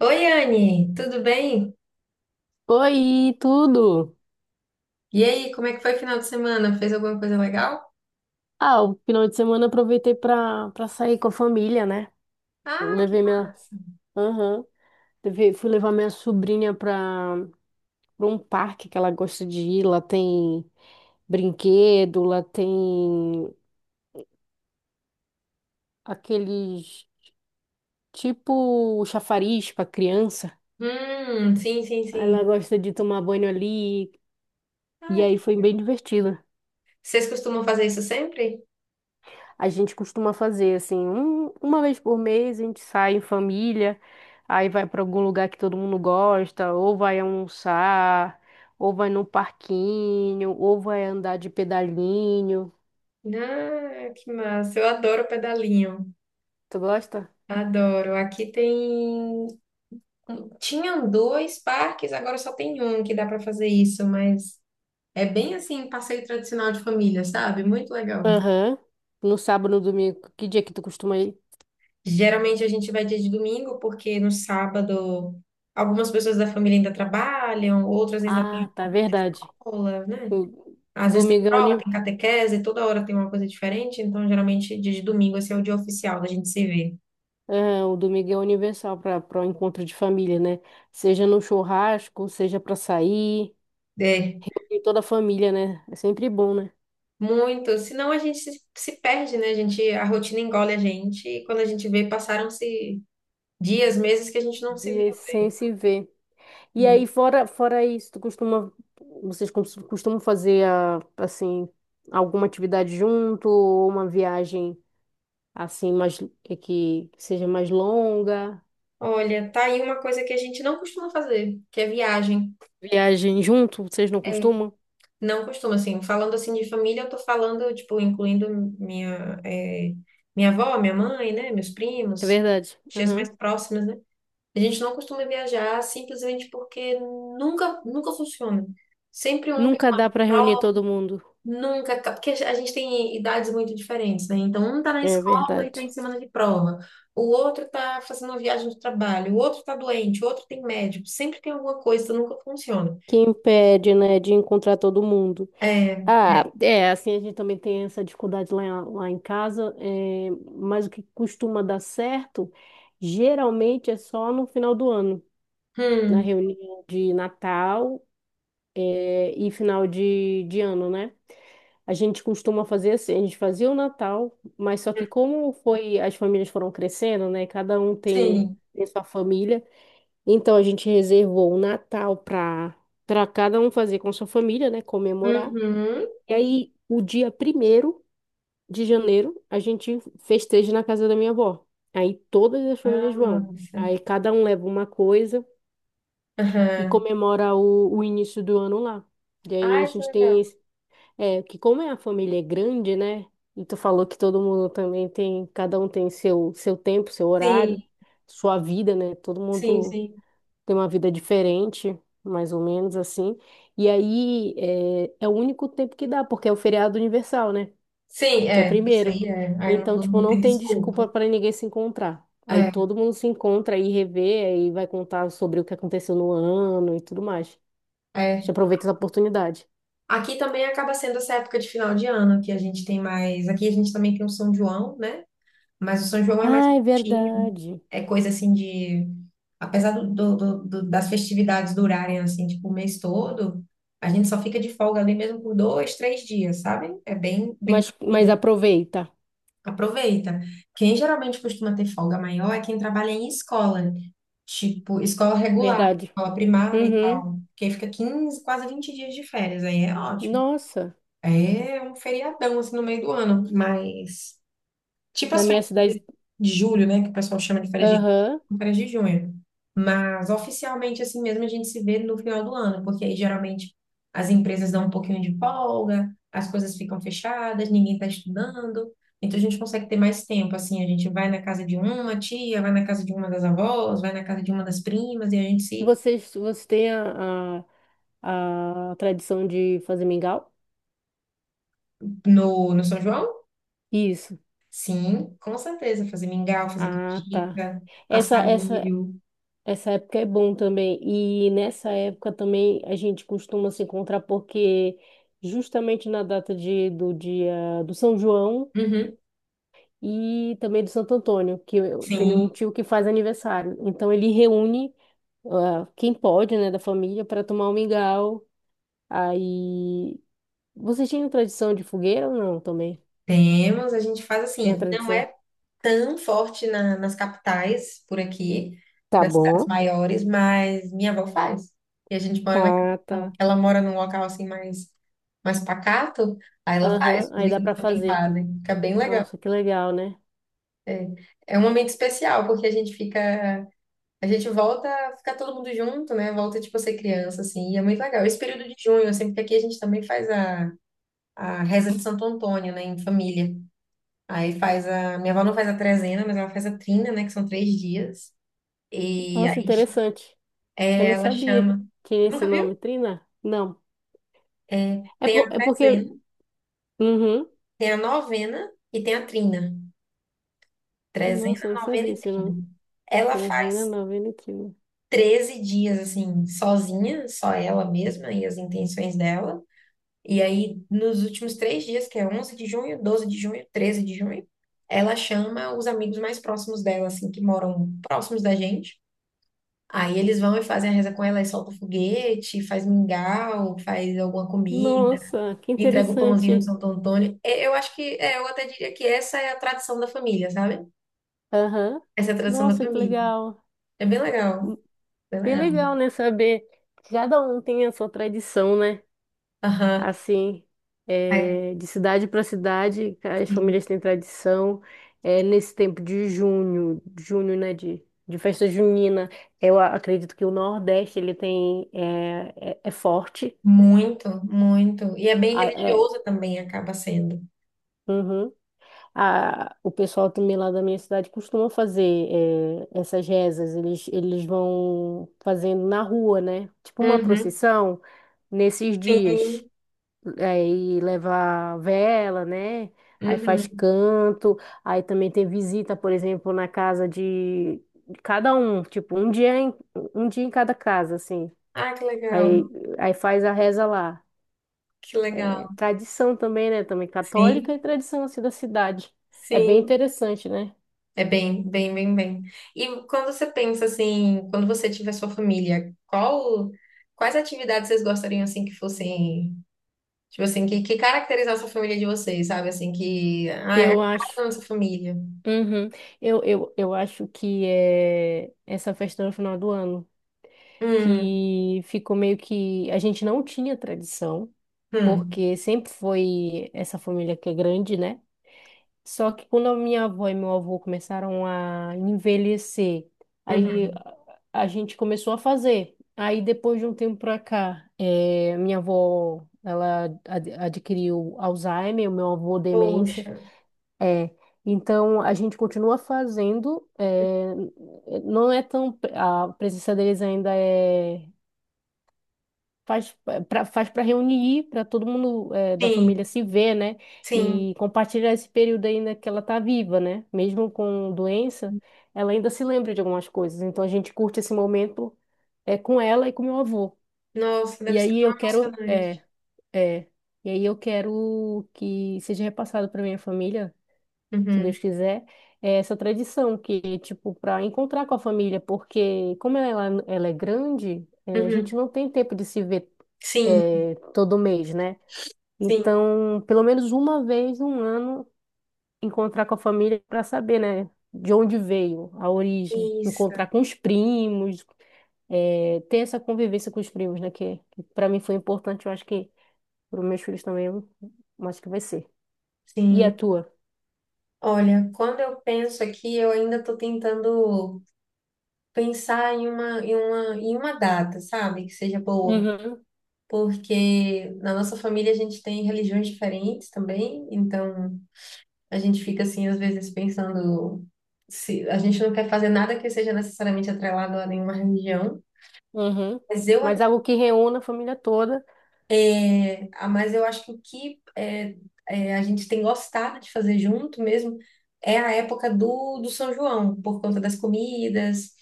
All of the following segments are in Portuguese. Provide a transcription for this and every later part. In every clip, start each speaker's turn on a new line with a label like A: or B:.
A: Oi, Anne, tudo bem?
B: Oi, tudo?
A: E aí, como é que foi o final de semana? Fez alguma coisa legal?
B: Ah, o final de semana eu aproveitei pra sair com a família, né? Eu
A: Ah, que
B: levei minha.
A: massa!
B: Aham. Fui levar minha sobrinha pra um parque que ela gosta de ir. Lá tem brinquedo, lá tem aqueles tipo chafariz pra criança.
A: Sim, sim,
B: Aí ela
A: sim.
B: gosta de tomar banho ali. E
A: Ah, que
B: aí foi bem
A: legal.
B: divertido.
A: Vocês costumam fazer isso sempre?
B: A gente costuma fazer assim, uma vez por mês a gente sai em família, aí vai para algum lugar que todo mundo gosta, ou vai almoçar, ou vai no parquinho, ou vai andar de pedalinho.
A: Ah, que massa! Eu adoro pedalinho,
B: Tu gosta?
A: adoro. Aqui tem. Tinham dois parques, agora só tem um que dá para fazer isso, mas é bem assim, passeio tradicional de família, sabe? Muito legal.
B: Aham. No sábado, no domingo, que dia que tu costuma ir?
A: Geralmente a gente vai dia de domingo, porque no sábado algumas pessoas da família ainda trabalham, outras ainda
B: Ah,
A: têm
B: tá,
A: alguma coisa da
B: verdade.
A: escola, né?
B: O
A: Às vezes tem
B: domingo é,
A: prova,
B: uni...
A: tem catequese, toda hora tem uma coisa diferente, então geralmente dia de domingo esse é o dia oficial da gente se ver.
B: o domingo é universal para o encontro de família, né? Seja no churrasco, seja para sair,
A: É,
B: e toda a família, né? É sempre bom, né?
A: muito. Senão a gente se perde, né? A rotina engole a gente e quando a gente vê, passaram-se dias, meses que a gente não se viu,
B: De sem se ver. E
A: né?
B: aí, fora isso, vocês costumam fazer assim alguma atividade junto ou uma viagem assim mais que seja mais longa?
A: Olha, tá aí uma coisa que a gente não costuma fazer, que é viagem.
B: Viagem junto, vocês não
A: É,
B: costumam?
A: não costumo, assim, falando assim de família, eu tô falando, tipo, incluindo minha, eh, minha avó, minha mãe, né, meus
B: É
A: primos,
B: verdade.
A: tias
B: Uhum.
A: mais próximas, né? A gente não costuma viajar simplesmente porque nunca, nunca funciona. Sempre um tem
B: Nunca dá
A: uma
B: para reunir
A: prova,
B: todo mundo.
A: nunca, ca- porque a gente tem idades muito diferentes, né? Então, um tá na
B: É
A: escola e tá em
B: verdade.
A: semana de prova, o outro tá fazendo uma viagem de trabalho, o outro tá doente, o outro tem médico, sempre tem alguma coisa, nunca funciona.
B: Que impede, né, de encontrar todo mundo.
A: É,
B: Ah, é, assim, a gente também tem essa dificuldade lá, lá em casa, é, mas o que costuma dar certo, geralmente é só no final do ano, na
A: hum,
B: reunião de Natal, é, e final de ano, né? A gente costuma fazer assim, a gente fazia o Natal, mas só que
A: hum,
B: como foi, as famílias foram crescendo, né? Cada um tem,
A: sim.
B: tem sua família, então a gente reservou o Natal para cada um fazer com sua família, né? Comemorar.
A: Uhum.
B: E aí, o dia primeiro de janeiro, a gente festeja na casa da minha avó. Aí todas as
A: Ah,
B: famílias vão.
A: nossa.
B: Aí cada um leva uma coisa e
A: Aham.
B: comemora o início do ano lá. E aí
A: Ai,
B: a
A: que
B: gente
A: legal.
B: tem esse, é, que como é a família é grande, né? E tu falou que todo mundo também tem, cada um tem seu tempo, seu horário,
A: Sim,
B: sua vida, né? Todo
A: sim,
B: mundo
A: sim.
B: tem uma vida diferente, mais ou menos assim. E aí é o único tempo que dá, porque é o feriado universal, né?
A: Sim,
B: Dia
A: é, isso
B: primeiro.
A: aí é. Aí não,
B: Então,
A: não
B: tipo,
A: não
B: não
A: tem
B: tem
A: desculpa.
B: desculpa para ninguém se encontrar. Aí
A: É,
B: todo mundo se encontra aí revê, aí vai contar sobre o que aconteceu no ano e tudo mais. A
A: é.
B: gente aproveita essa oportunidade.
A: Aqui também acaba sendo essa época de final de ano que a gente tem mais. Aqui a gente também tem o São João, né? Mas o São João é mais
B: Ah, é
A: curtinho.
B: verdade.
A: É coisa assim de. Apesar das festividades durarem assim, tipo, o mês todo, a gente só fica de folga ali mesmo por 2, 3 dias, sabe? É bem, bem
B: Mas
A: curtinho.
B: aproveita.
A: Aproveita. Quem geralmente costuma ter folga maior é quem trabalha em escola, tipo escola regular,
B: Verdade.
A: escola primária e
B: Uhum.
A: tal. Quem fica 15 quase 20 dias de férias, aí é ótimo.
B: Nossa,
A: É um feriadão assim no meio do ano, mas tipo
B: na
A: as
B: minha
A: férias
B: cidade.
A: de julho, né? Que o pessoal chama de
B: Aham.
A: férias de junho. Mas oficialmente, assim mesmo, a gente se vê no final do ano, porque aí geralmente as empresas dão um pouquinho de folga, as coisas ficam fechadas, ninguém está estudando. Então a gente consegue ter mais tempo, assim, a gente vai na casa de uma tia, vai na casa de uma das avós, vai na casa de uma das primas, e a gente se.
B: Vocês têm a tradição de fazer mingau?
A: No São João?
B: Isso.
A: Sim, com certeza. Fazer mingau, fazer
B: Ah, tá.
A: canjica,
B: Essa,
A: assar
B: essa,
A: milho.
B: Essa época é bom também. E nessa época também a gente costuma se encontrar porque justamente na data do dia do São João
A: Uhum.
B: e também do Santo Antônio, que eu tenho
A: Sim.
B: um tio que faz aniversário. Então ele reúne quem pode, né, da família para tomar um mingau. Aí vocês tinham tradição de fogueira ou não também?
A: Temos, a gente faz
B: Tem a
A: assim, não
B: tradição?
A: é tão forte nas capitais por aqui,
B: Tá
A: nas cidades
B: bom.
A: maiores, mas minha avó faz. E a gente mora na
B: Tá,
A: capital.
B: tá.
A: Ela mora num local assim mais, pacato, aí ela
B: Aham,
A: faz, os
B: aí dá
A: vizinhos
B: para
A: também
B: fazer.
A: fazem. Fica bem legal.
B: Nossa, que legal, né?
A: É, é um momento especial, porque a gente fica, a gente volta, fica todo mundo junto, né? Volta tipo a ser criança, assim, e é muito legal. Esse período de junho, sempre que aqui a gente também faz a reza de Santo Antônio, né, em família. Aí faz a. Minha avó não faz a trezena, mas ela faz a trina, né? Que são 3 dias. E aí
B: Nossa, interessante. Eu
A: é,
B: não
A: ela
B: sabia
A: chama.
B: que é esse
A: Nunca viu?
B: nome, Trina? Não.
A: É,
B: É,
A: tem a
B: é porque.
A: trezena,
B: Uhum.
A: tem a novena e tem a trina. Trezena,
B: Nossa, eu não
A: novena
B: sabia
A: e
B: esse
A: trina.
B: nome.
A: Ela
B: Trezena
A: faz
B: Novenitina.
A: 13 dias, assim, sozinha, só ela mesma e as intenções dela. E aí, nos últimos 3 dias, que é 11 de junho, 12 de junho, 13 de junho, ela chama os amigos mais próximos dela, assim, que moram próximos da gente. Aí eles vão e fazem a reza com ela e solta foguete, faz mingau, faz alguma comida,
B: Nossa, que
A: entrega o pãozinho de
B: interessante.
A: Santo Antônio. É, eu acho que, é, eu até diria que essa é a tradição da família, sabe?
B: Aham.
A: Essa é a tradição da
B: Nossa, que
A: família.
B: legal.
A: É bem
B: Hum,
A: legal, bem
B: Bem
A: legal.
B: legal, né? Saber que cada um tem a sua tradição, né?
A: Aham.
B: Assim,
A: É,
B: é, de cidade para cidade, as
A: sim.
B: famílias têm tradição. É, nesse tempo de junho, junho, né, de festa junina, eu acredito que o Nordeste ele tem é forte.
A: Muito, muito. E é bem
B: É,
A: religioso também, acaba sendo.
B: uhum. O pessoal também lá da minha cidade costuma fazer essas rezas. Eles vão fazendo na rua, né? Tipo uma
A: Uhum,
B: procissão nesses dias.
A: sim.
B: Aí leva vela, né? Aí faz
A: Uhum.
B: canto, aí também tem visita, por exemplo, na casa de cada um, tipo, um dia em cada casa, assim.
A: Ah, que
B: Aí,
A: legal,
B: aí faz a reza lá.
A: que legal.
B: É tradição também, né? Também católica
A: Sim,
B: e tradição assim da cidade. É bem
A: sim.
B: interessante, né?
A: É bem, bem, bem, bem. E quando você pensa assim, quando você tiver sua família, quais atividades vocês gostariam assim que fossem, tipo assim, que caracterizasse a família de vocês, sabe? Assim, que, ah, é a cara
B: Eu
A: da
B: acho.
A: nossa família.
B: Uhum. Eu acho que é essa festa no final do ano,
A: Hum,
B: que ficou meio que a gente não tinha tradição.
A: hum,
B: Porque sempre foi essa família que é grande, né? Só que quando a minha avó e meu avô começaram a envelhecer, aí
A: uhum.
B: a gente começou a fazer. Aí depois de um tempo pra cá, minha avó, ela adquiriu Alzheimer, o meu avô demência.
A: Poxa,
B: É, então a gente continua fazendo, não é tão, a presença deles ainda é faz faz para reunir, para todo mundo da família
A: sim,
B: se ver, né?
A: sim.
B: E compartilhar esse período ainda que ela tá viva, né? Mesmo com doença, ela ainda se lembra de algumas coisas. Então a gente curte esse momento com ela e com meu avô.
A: Nossa,
B: E
A: deve ser
B: aí
A: tão
B: eu quero é,
A: emocionante.
B: é, e aí eu quero que seja repassado para minha família se
A: Uhum,
B: Deus quiser, é essa tradição que, tipo, para encontrar com a família, porque como ela é grande, a gente
A: uhum.
B: não tem tempo de se ver
A: Sim,
B: todo mês, né?
A: sim.
B: Então, pelo menos uma vez no ano, encontrar com a família para saber, né? De onde veio a origem,
A: Isso,
B: encontrar com os primos, ter essa convivência com os primos, né? Que para mim foi importante, eu acho que para os meus filhos também, eu acho que vai ser. E a
A: sim.
B: tua?
A: Olha, quando eu penso aqui, eu ainda tô tentando pensar em uma data, sabe? Que seja boa.
B: Uhum,
A: Porque na nossa família a gente tem religiões diferentes também, então a gente fica assim, às vezes, pensando se a gente não quer fazer nada que seja necessariamente atrelado a nenhuma religião.
B: uhum.
A: Mas eu,
B: Mas
A: ac-
B: algo que reúna a família toda.
A: É, ah, mas eu acho que o que é, é, a gente tem gostado de fazer junto mesmo é a época do São João, por conta das comidas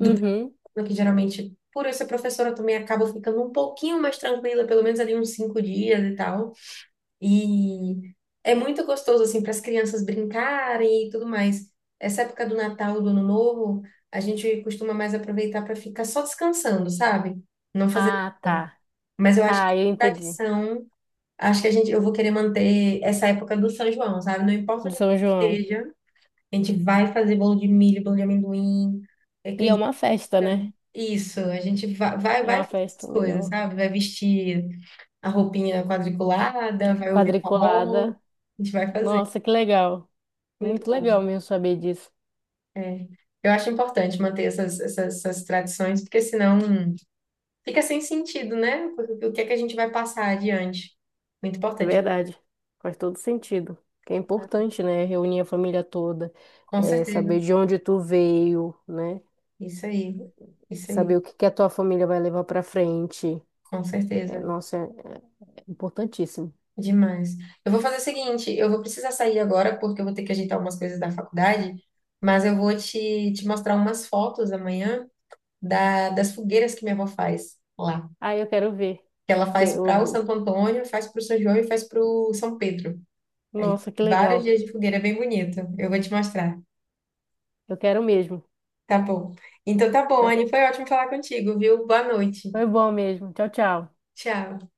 B: Uhum.
A: que geralmente, por eu ser professora, eu também acabo ficando um pouquinho mais tranquila, pelo menos ali uns 5 dias e tal. E é muito gostoso, assim, para as crianças brincarem e tudo mais. Essa época do Natal, do Ano Novo, a gente costuma mais aproveitar para ficar só descansando, sabe? Não fazer
B: Ah,
A: nada.
B: tá.
A: Mas eu acho
B: Ah,
A: que
B: eu entendi.
A: tradição, acho que a gente, eu vou querer manter essa época do São João, sabe? Não importa
B: Do
A: onde a gente
B: São João.
A: esteja, a gente vai fazer bolo de milho, bolo de amendoim. É
B: E é
A: que
B: uma festa, né?
A: isso, a gente va- vai,
B: É
A: vai,
B: uma
A: fazer essas
B: festa
A: coisas,
B: legal.
A: sabe? Vai vestir a roupinha quadriculada, vai ouvir forró,
B: Quadriculada.
A: a gente vai fazer.
B: Nossa, que legal.
A: Muito
B: Muito legal
A: bom.
B: mesmo saber disso.
A: É. Eu acho importante manter essas tradições, porque senão fica sem sentido, né? O que é que a gente vai passar adiante? Muito
B: É
A: importante.
B: verdade. Faz todo sentido. Que é importante, né? Reunir a família toda.
A: Com
B: É,
A: certeza.
B: saber de onde tu veio, né?
A: Isso aí. Isso aí.
B: Saber o que que a tua família vai levar pra frente.
A: Com
B: É,
A: certeza.
B: nossa, é importantíssimo.
A: Demais. Eu vou fazer o seguinte, eu vou precisar sair agora porque eu vou ter que ajeitar umas coisas da faculdade, mas eu vou te mostrar umas fotos amanhã das fogueiras que minha avó faz lá.
B: Ah, eu quero ver
A: Que ela
B: que
A: faz
B: eu
A: para o
B: vou-
A: Santo Antônio, faz para o São João e faz para o São Pedro. Aí,
B: Nossa, que
A: vários
B: legal.
A: dias de fogueira, é bem bonito. Eu vou te mostrar.
B: Eu quero mesmo.
A: Tá bom. Então tá bom,
B: Tchau-
A: Anne, foi ótimo falar contigo, viu? Boa noite.
B: Foi bom mesmo. Tchau, tchau.
A: Tchau.